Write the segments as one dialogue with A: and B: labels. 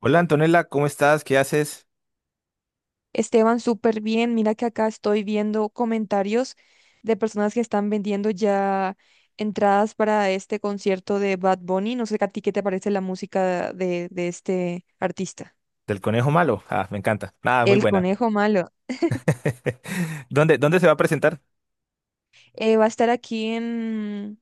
A: Hola Antonella, ¿cómo estás? ¿Qué haces?
B: Esteban, súper bien. Mira que acá estoy viendo comentarios de personas que están vendiendo ya entradas para este concierto de Bad Bunny. No sé a ti qué te parece la música de este artista.
A: Del conejo malo. Ah, me encanta. Nada, muy
B: El
A: buena.
B: Conejo Malo.
A: ¿Dónde se va a presentar?
B: Va a estar aquí en,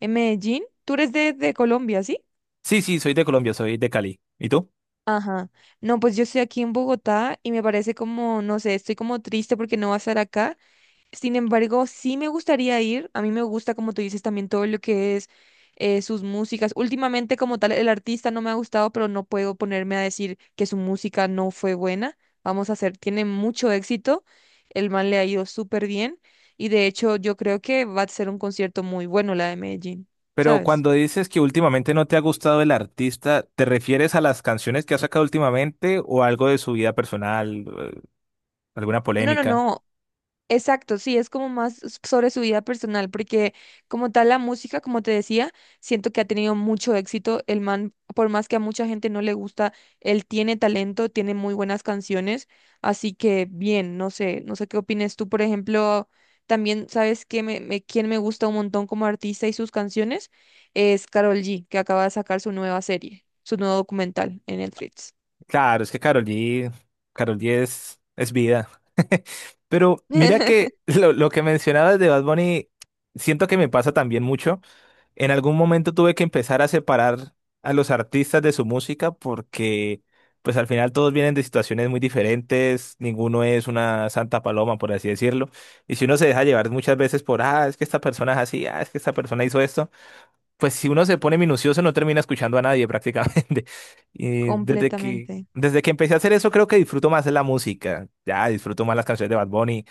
B: en Medellín. Tú eres de Colombia, ¿sí?
A: Sí, soy de Colombia, soy de Cali. ¿Y tú?
B: Ajá. No, pues yo estoy aquí en Bogotá y me parece como, no sé, estoy como triste porque no va a estar acá. Sin embargo, sí me gustaría ir. A mí me gusta, como tú dices, también todo lo que es sus músicas. Últimamente, como tal, el artista no me ha gustado, pero no puedo ponerme a decir que su música no fue buena. Vamos a hacer, tiene mucho éxito. El man le ha ido súper bien. Y de hecho, yo creo que va a ser un concierto muy bueno la de Medellín,
A: Pero
B: ¿sabes?
A: cuando dices que últimamente no te ha gustado el artista, ¿te refieres a las canciones que ha sacado últimamente o algo de su vida personal, alguna
B: No, no,
A: polémica?
B: no. Exacto, sí, es como más sobre su vida personal, porque como tal la música, como te decía, siento que ha tenido mucho éxito. El man, por más que a mucha gente no le gusta, él tiene talento, tiene muy buenas canciones, así que bien, no sé, no sé qué opines tú, por ejemplo, también sabes que quién me gusta un montón como artista y sus canciones es Karol G, que acaba de sacar su nueva serie, su nuevo documental en Netflix.
A: Claro, es que Karol G, Karol G es vida. Pero mira que lo que mencionabas de Bad Bunny, siento que me pasa también mucho. En algún momento tuve que empezar a separar a los artistas de su música porque pues al final todos vienen de situaciones muy diferentes, ninguno es una santa paloma, por así decirlo. Y si uno se deja llevar muchas veces por, ah, es que esta persona es así, ah, es que esta persona hizo esto, pues si uno se pone minucioso no termina escuchando a nadie prácticamente. Y desde que,
B: Completamente.
A: desde que empecé a hacer eso creo que disfruto más la música, ya disfruto más las canciones de Bad Bunny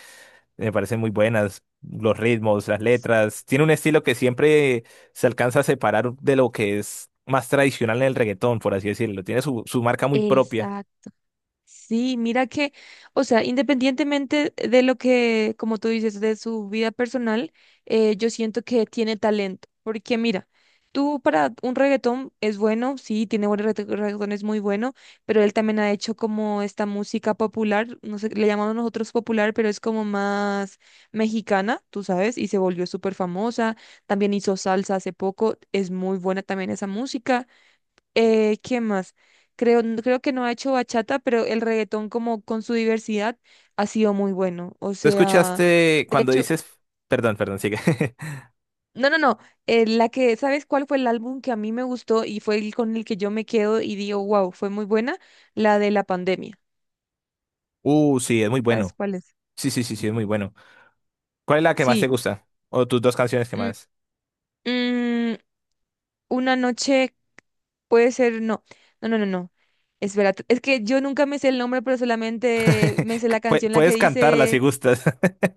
A: me parecen muy buenas los ritmos, las letras. Tiene un estilo que siempre se alcanza a separar de lo que es más tradicional en el reggaetón, por así decirlo. Tiene su marca muy propia.
B: Exacto. Sí, mira que, o sea, independientemente de lo que, como tú dices, de su vida personal, yo siento que tiene talento, porque mira, tú para un reggaetón es bueno, sí, tiene buenos reggaetón, es muy bueno, pero él también ha hecho como esta música popular, no sé, le llamamos nosotros popular, pero es como más mexicana, tú sabes, y se volvió súper famosa, también hizo salsa hace poco, es muy buena también esa música. ¿Qué más? Creo que no ha hecho bachata, pero el reggaetón como con su diversidad ha sido muy bueno. O
A: ¿Tú
B: sea,
A: escuchaste
B: de
A: cuando
B: hecho,
A: dices... Perdón, perdón, sigue.
B: no, no, no. La que, ¿sabes cuál fue el álbum que a mí me gustó y fue el con el que yo me quedo y digo, wow, fue muy buena? La de la pandemia.
A: Sí, es muy
B: ¿Sabes
A: bueno.
B: cuál es?
A: Sí, sí, sí, sí, es muy bueno. ¿Cuál es la que más te
B: Sí.
A: gusta? O tus dos canciones que
B: mm,
A: más.
B: mm, una noche puede ser, no, no, no, no, no. Espera, es que yo nunca me sé el nombre, pero solamente me sé la canción la que
A: Puedes cantarla si
B: dice...
A: gustas.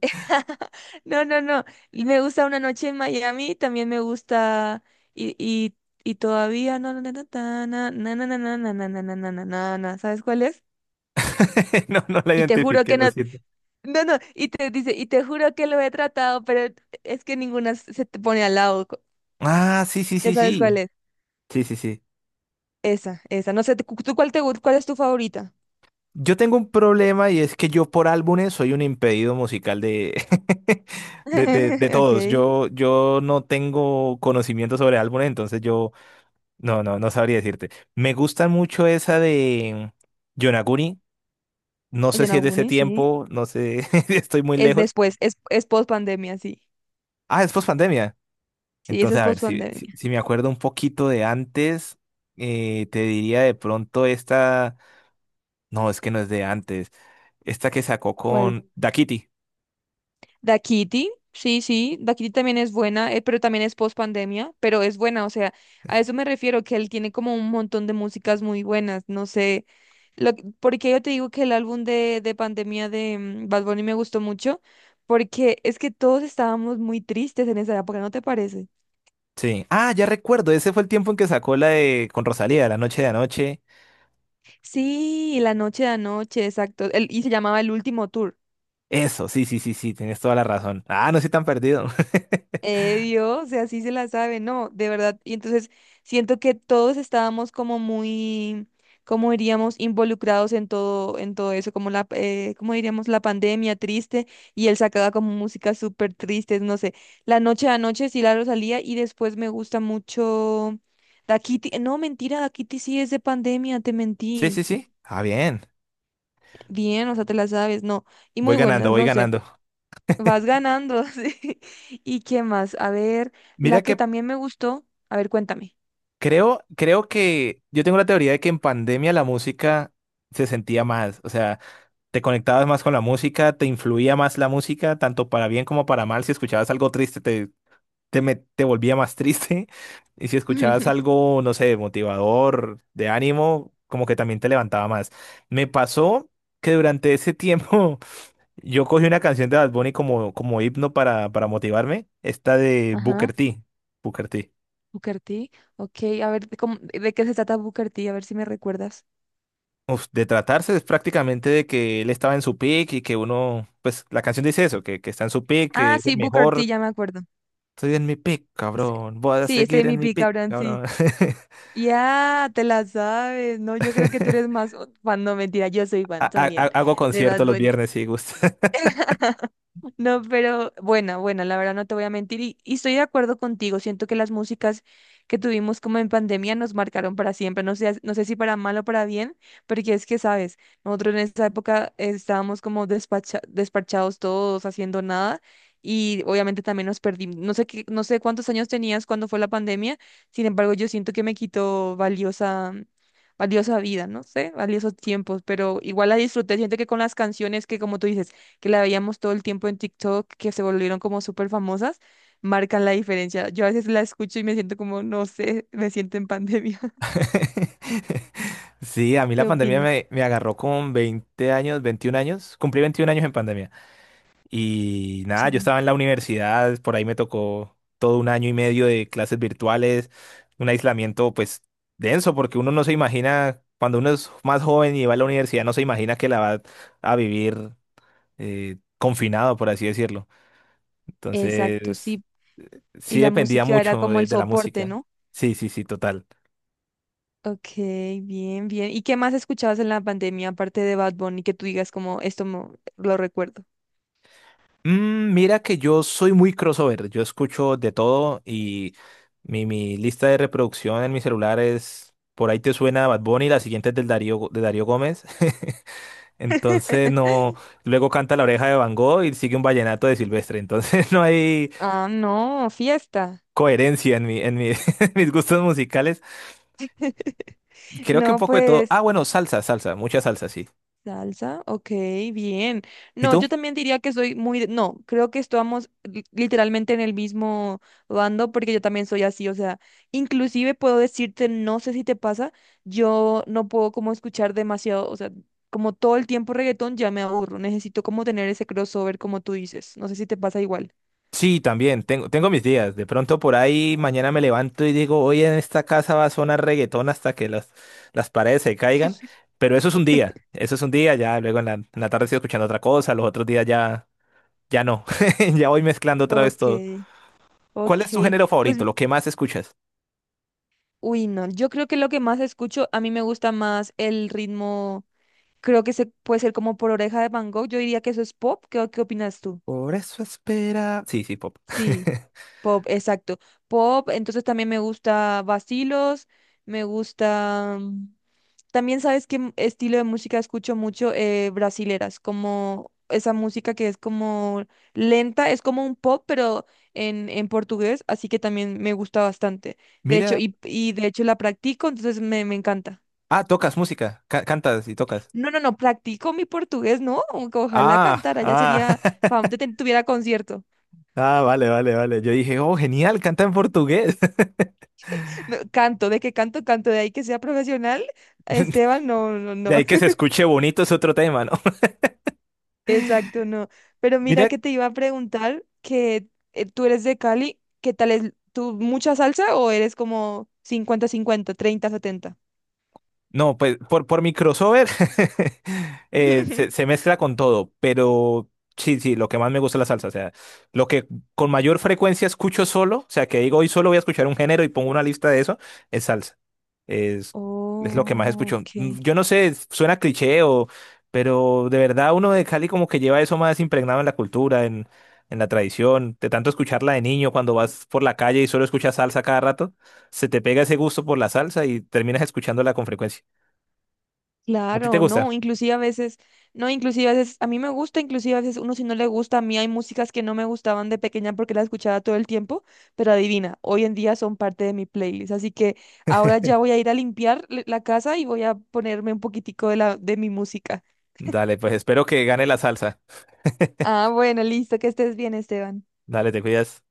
B: No, no, no. Y me gusta una noche en Miami, también me gusta y, y, y todavía no, no, no, no, no, no, no, no, no, no, no, no, no, no, no, no, no, ¿sabes cuál es?
A: No, no la
B: Y te juro
A: identifiqué,
B: que
A: lo
B: no,
A: siento.
B: no, no, y te dice, y te juro que lo he tratado, pero es que ninguna se te pone al lado.
A: Ah, sí, sí,
B: Ya
A: sí,
B: sabes
A: sí.
B: cuál es.
A: Sí, sí, sí.
B: Esa, esa. No sé, ¿tú cuál te gusta? ¿Cuál es tu favorita?
A: Yo tengo un problema y es que yo por álbumes soy un impedido musical de, de, de todos.
B: Ok.
A: Yo no tengo conocimiento sobre álbumes, entonces yo no, no sabría decirte. Me gusta mucho esa de Yonaguni. No sé si es de ese
B: Yonaguni, sí.
A: tiempo, no sé, estoy muy
B: Es
A: lejos.
B: después, es post pandemia, sí.
A: Ah, es post-pandemia.
B: Sí, esa
A: Entonces,
B: es
A: a ver,
B: post
A: si, si,
B: pandemia.
A: si me acuerdo un poquito de antes, te diría de pronto esta. No, es que no es de antes. Esta que sacó
B: ¿Cuál?
A: con Da Kitty.
B: Da Kitty, sí, sí, Da Kitty también es buena, pero también es post pandemia, pero es buena, o sea, a eso me refiero, que él tiene como un montón de músicas muy buenas, no sé, lo, porque yo te digo que el álbum de pandemia de Bad Bunny me gustó mucho, porque es que todos estábamos muy tristes en esa época, ¿no te parece?
A: Sí. Ah, ya recuerdo, ese fue el tiempo en que sacó la de con Rosalía, La Noche de Anoche.
B: Sí, La Noche de Anoche, exacto, y se llamaba El Último Tour.
A: Eso, sí, sí, sí, sí, tienes toda la razón. Ah, no estoy tan perdido.
B: Dios, o sea, sí se la sabe, no, de verdad. Y entonces siento que todos estábamos como muy, como diríamos, involucrados en todo eso, como la, como diríamos, la pandemia triste, y él sacaba como música súper triste, no sé. La noche a noche sí la Rosalía, y después me gusta mucho Da Kitty, no, mentira, Da Kitty sí es de pandemia, te
A: Sí, sí,
B: mentí.
A: sí. Ah, bien.
B: Bien, o sea, te la sabes, no. Y
A: Voy
B: muy
A: ganando,
B: buenas,
A: voy
B: no sé.
A: ganando.
B: Vas ganando, sí. ¿Y qué más? A ver, la
A: Mira
B: que
A: que
B: también me gustó. A ver, cuéntame.
A: creo que yo tengo la teoría de que en pandemia la música se sentía más, o sea, te conectabas más con la música, te influía más la música, tanto para bien como para mal. Si escuchabas algo triste, te volvía más triste. Y si escuchabas algo, no sé, motivador, de ánimo, como que también te levantaba más. Me pasó que durante ese tiempo yo cogí una canción de Bad Bunny como, como himno para motivarme, esta de
B: Ajá,
A: Booker T. Booker T.
B: Booker T. Ok, a ver, ¿cómo- ¿de qué se trata Booker T? A ver si me recuerdas.
A: Uf, de tratarse es prácticamente de que él estaba en su pick y que uno, pues la canción dice eso, que está en su pick, que
B: Ah,
A: es el
B: sí, Booker T,
A: mejor.
B: ya me acuerdo.
A: Estoy en mi pick,
B: Sí,
A: cabrón. Voy a
B: sí, estoy
A: seguir
B: en
A: en
B: mi
A: mi
B: pick,
A: pick,
B: Abraham, sí.
A: cabrón.
B: Ya, te la sabes. No, yo creo que tú eres más fan. No, mentira, yo soy fan también
A: Hago
B: de Bad
A: conciertos los
B: Bunny.
A: viernes si gusta.
B: No, pero bueno, bueno, la verdad no te voy a mentir y estoy de acuerdo contigo. Siento que las músicas que tuvimos como en pandemia nos marcaron para siempre. No sé, no sé si para mal o para bien, porque es que, sabes, nosotros en esa época estábamos como despachados todos, haciendo nada y obviamente también nos perdimos. No sé qué, no sé cuántos años tenías cuando fue la pandemia, sin embargo, yo siento que me quitó valiosa, valiosa vida, no sé, valiosos tiempos, pero igual la disfruté. Siento que con las canciones que, como tú dices, que la veíamos todo el tiempo en TikTok, que se volvieron como súper famosas, marcan la diferencia. Yo a veces la escucho y me siento como, no sé, me siento en pandemia.
A: Sí, a mí la
B: ¿Qué
A: pandemia
B: opinas?
A: me agarró con 20 años, 21 años. Cumplí 21 años en pandemia. Y nada, yo
B: Sí.
A: estaba en la universidad, por ahí me tocó todo un año y medio de clases virtuales, un aislamiento pues denso, porque uno no se imagina, cuando uno es más joven y va a la universidad, no se imagina que la va a vivir confinado, por así decirlo.
B: Exacto,
A: Entonces,
B: sí. Y
A: sí
B: la
A: dependía
B: música era
A: mucho
B: como el
A: de la
B: soporte,
A: música.
B: ¿no?
A: Sí, sí, sí, total.
B: Ok, bien, bien. ¿Y qué más escuchabas en la pandemia, aparte de Bad Bunny, que tú digas como, esto lo recuerdo?
A: Mm, mira que yo soy muy crossover, yo escucho de todo y mi lista de reproducción en mi celular es, por ahí te suena Bad Bunny, la siguiente es del Darío, de Darío Gómez. Entonces no, luego canta La Oreja de Van Gogh y sigue un vallenato de Silvestre. Entonces no hay
B: Ah, no, fiesta.
A: coherencia en mi, en mis gustos musicales. Creo que un
B: No,
A: poco de todo. Ah,
B: pues
A: bueno, salsa, salsa, mucha salsa, sí.
B: salsa, ok, bien.
A: ¿Y
B: No,
A: tú?
B: yo también diría que soy muy... No, creo que estamos literalmente en el mismo bando porque yo también soy así, o sea, inclusive puedo decirte, no sé si te pasa, yo no puedo como escuchar demasiado, o sea, como todo el tiempo reggaetón ya me aburro, necesito como tener ese crossover como tú dices, no sé si te pasa igual.
A: Sí, también, tengo mis días. De pronto por ahí mañana me levanto y digo, hoy en esta casa va a sonar reggaetón hasta que las paredes se caigan. Pero eso es un día, eso es un día, ya luego en la tarde estoy escuchando otra cosa, los otros días ya, ya no. Ya voy mezclando otra vez
B: Ok,
A: todo. ¿Cuál es tu
B: ok,
A: género
B: pues,
A: favorito? ¿Lo que más escuchas?
B: uy, no, yo creo que lo que más escucho, a mí me gusta más el ritmo. Creo que se puede ser como por Oreja de Van Gogh. Yo diría que eso es pop. ¿Qué, qué opinas tú?
A: Por eso espera. Sí, sí, pop.
B: Sí, pop, exacto. Pop, entonces también me gusta Vacilos, me gusta... también sabes qué estilo de música escucho mucho brasileras, como esa música que es como lenta, es como un pop, pero en portugués, así que también me gusta bastante. De hecho,
A: Mira.
B: y de hecho la practico, entonces me encanta.
A: Ah, tocas música, cantas y tocas.
B: No, no, no, practico mi portugués, no, aunque ojalá
A: Ah,
B: cantara, ya
A: ah.
B: sería, fam, tuviera concierto.
A: Ah, vale, vale, vale. Yo dije, oh, genial, canta en portugués.
B: No, canto, de qué canto, canto, de ahí que sea profesional, Esteban, no, no,
A: De
B: no,
A: ahí que se escuche bonito es otro tema, ¿no?
B: exacto, no. Pero mira
A: Mira,
B: que te iba a preguntar que tú eres de Cali, ¿qué tal es tú mucha salsa o eres como 50-50, 30-70?
A: no, pues por mi crossover se mezcla con todo, pero sí, sí, lo que más me gusta es la salsa, o sea, lo que con mayor frecuencia escucho solo, o sea, que digo hoy solo voy a escuchar un género y pongo una lista de eso, es salsa, es, es lo que más
B: Oh,
A: escucho. Mm,
B: ok.
A: yo no sé, suena cliché o, pero de verdad uno de Cali como que lleva eso más impregnado en la cultura, en la tradición, de tanto escucharla de niño cuando vas por la calle y solo escuchas salsa cada rato se te pega ese gusto por la salsa y terminas escuchándola con frecuencia. ¿A ti te
B: Claro,
A: gusta?
B: no, inclusive a veces, no, inclusive a veces, a mí me gusta, inclusive a veces uno si no le gusta, a mí hay músicas que no me gustaban de pequeña porque las escuchaba todo el tiempo, pero adivina, hoy en día son parte de mi playlist, así que ahora ya voy a ir a limpiar la casa y voy a ponerme un poquitico de la, de mi música.
A: Dale, pues espero que gane la salsa.
B: Ah, bueno, listo, que estés bien, Esteban.
A: Dale, te cuidas.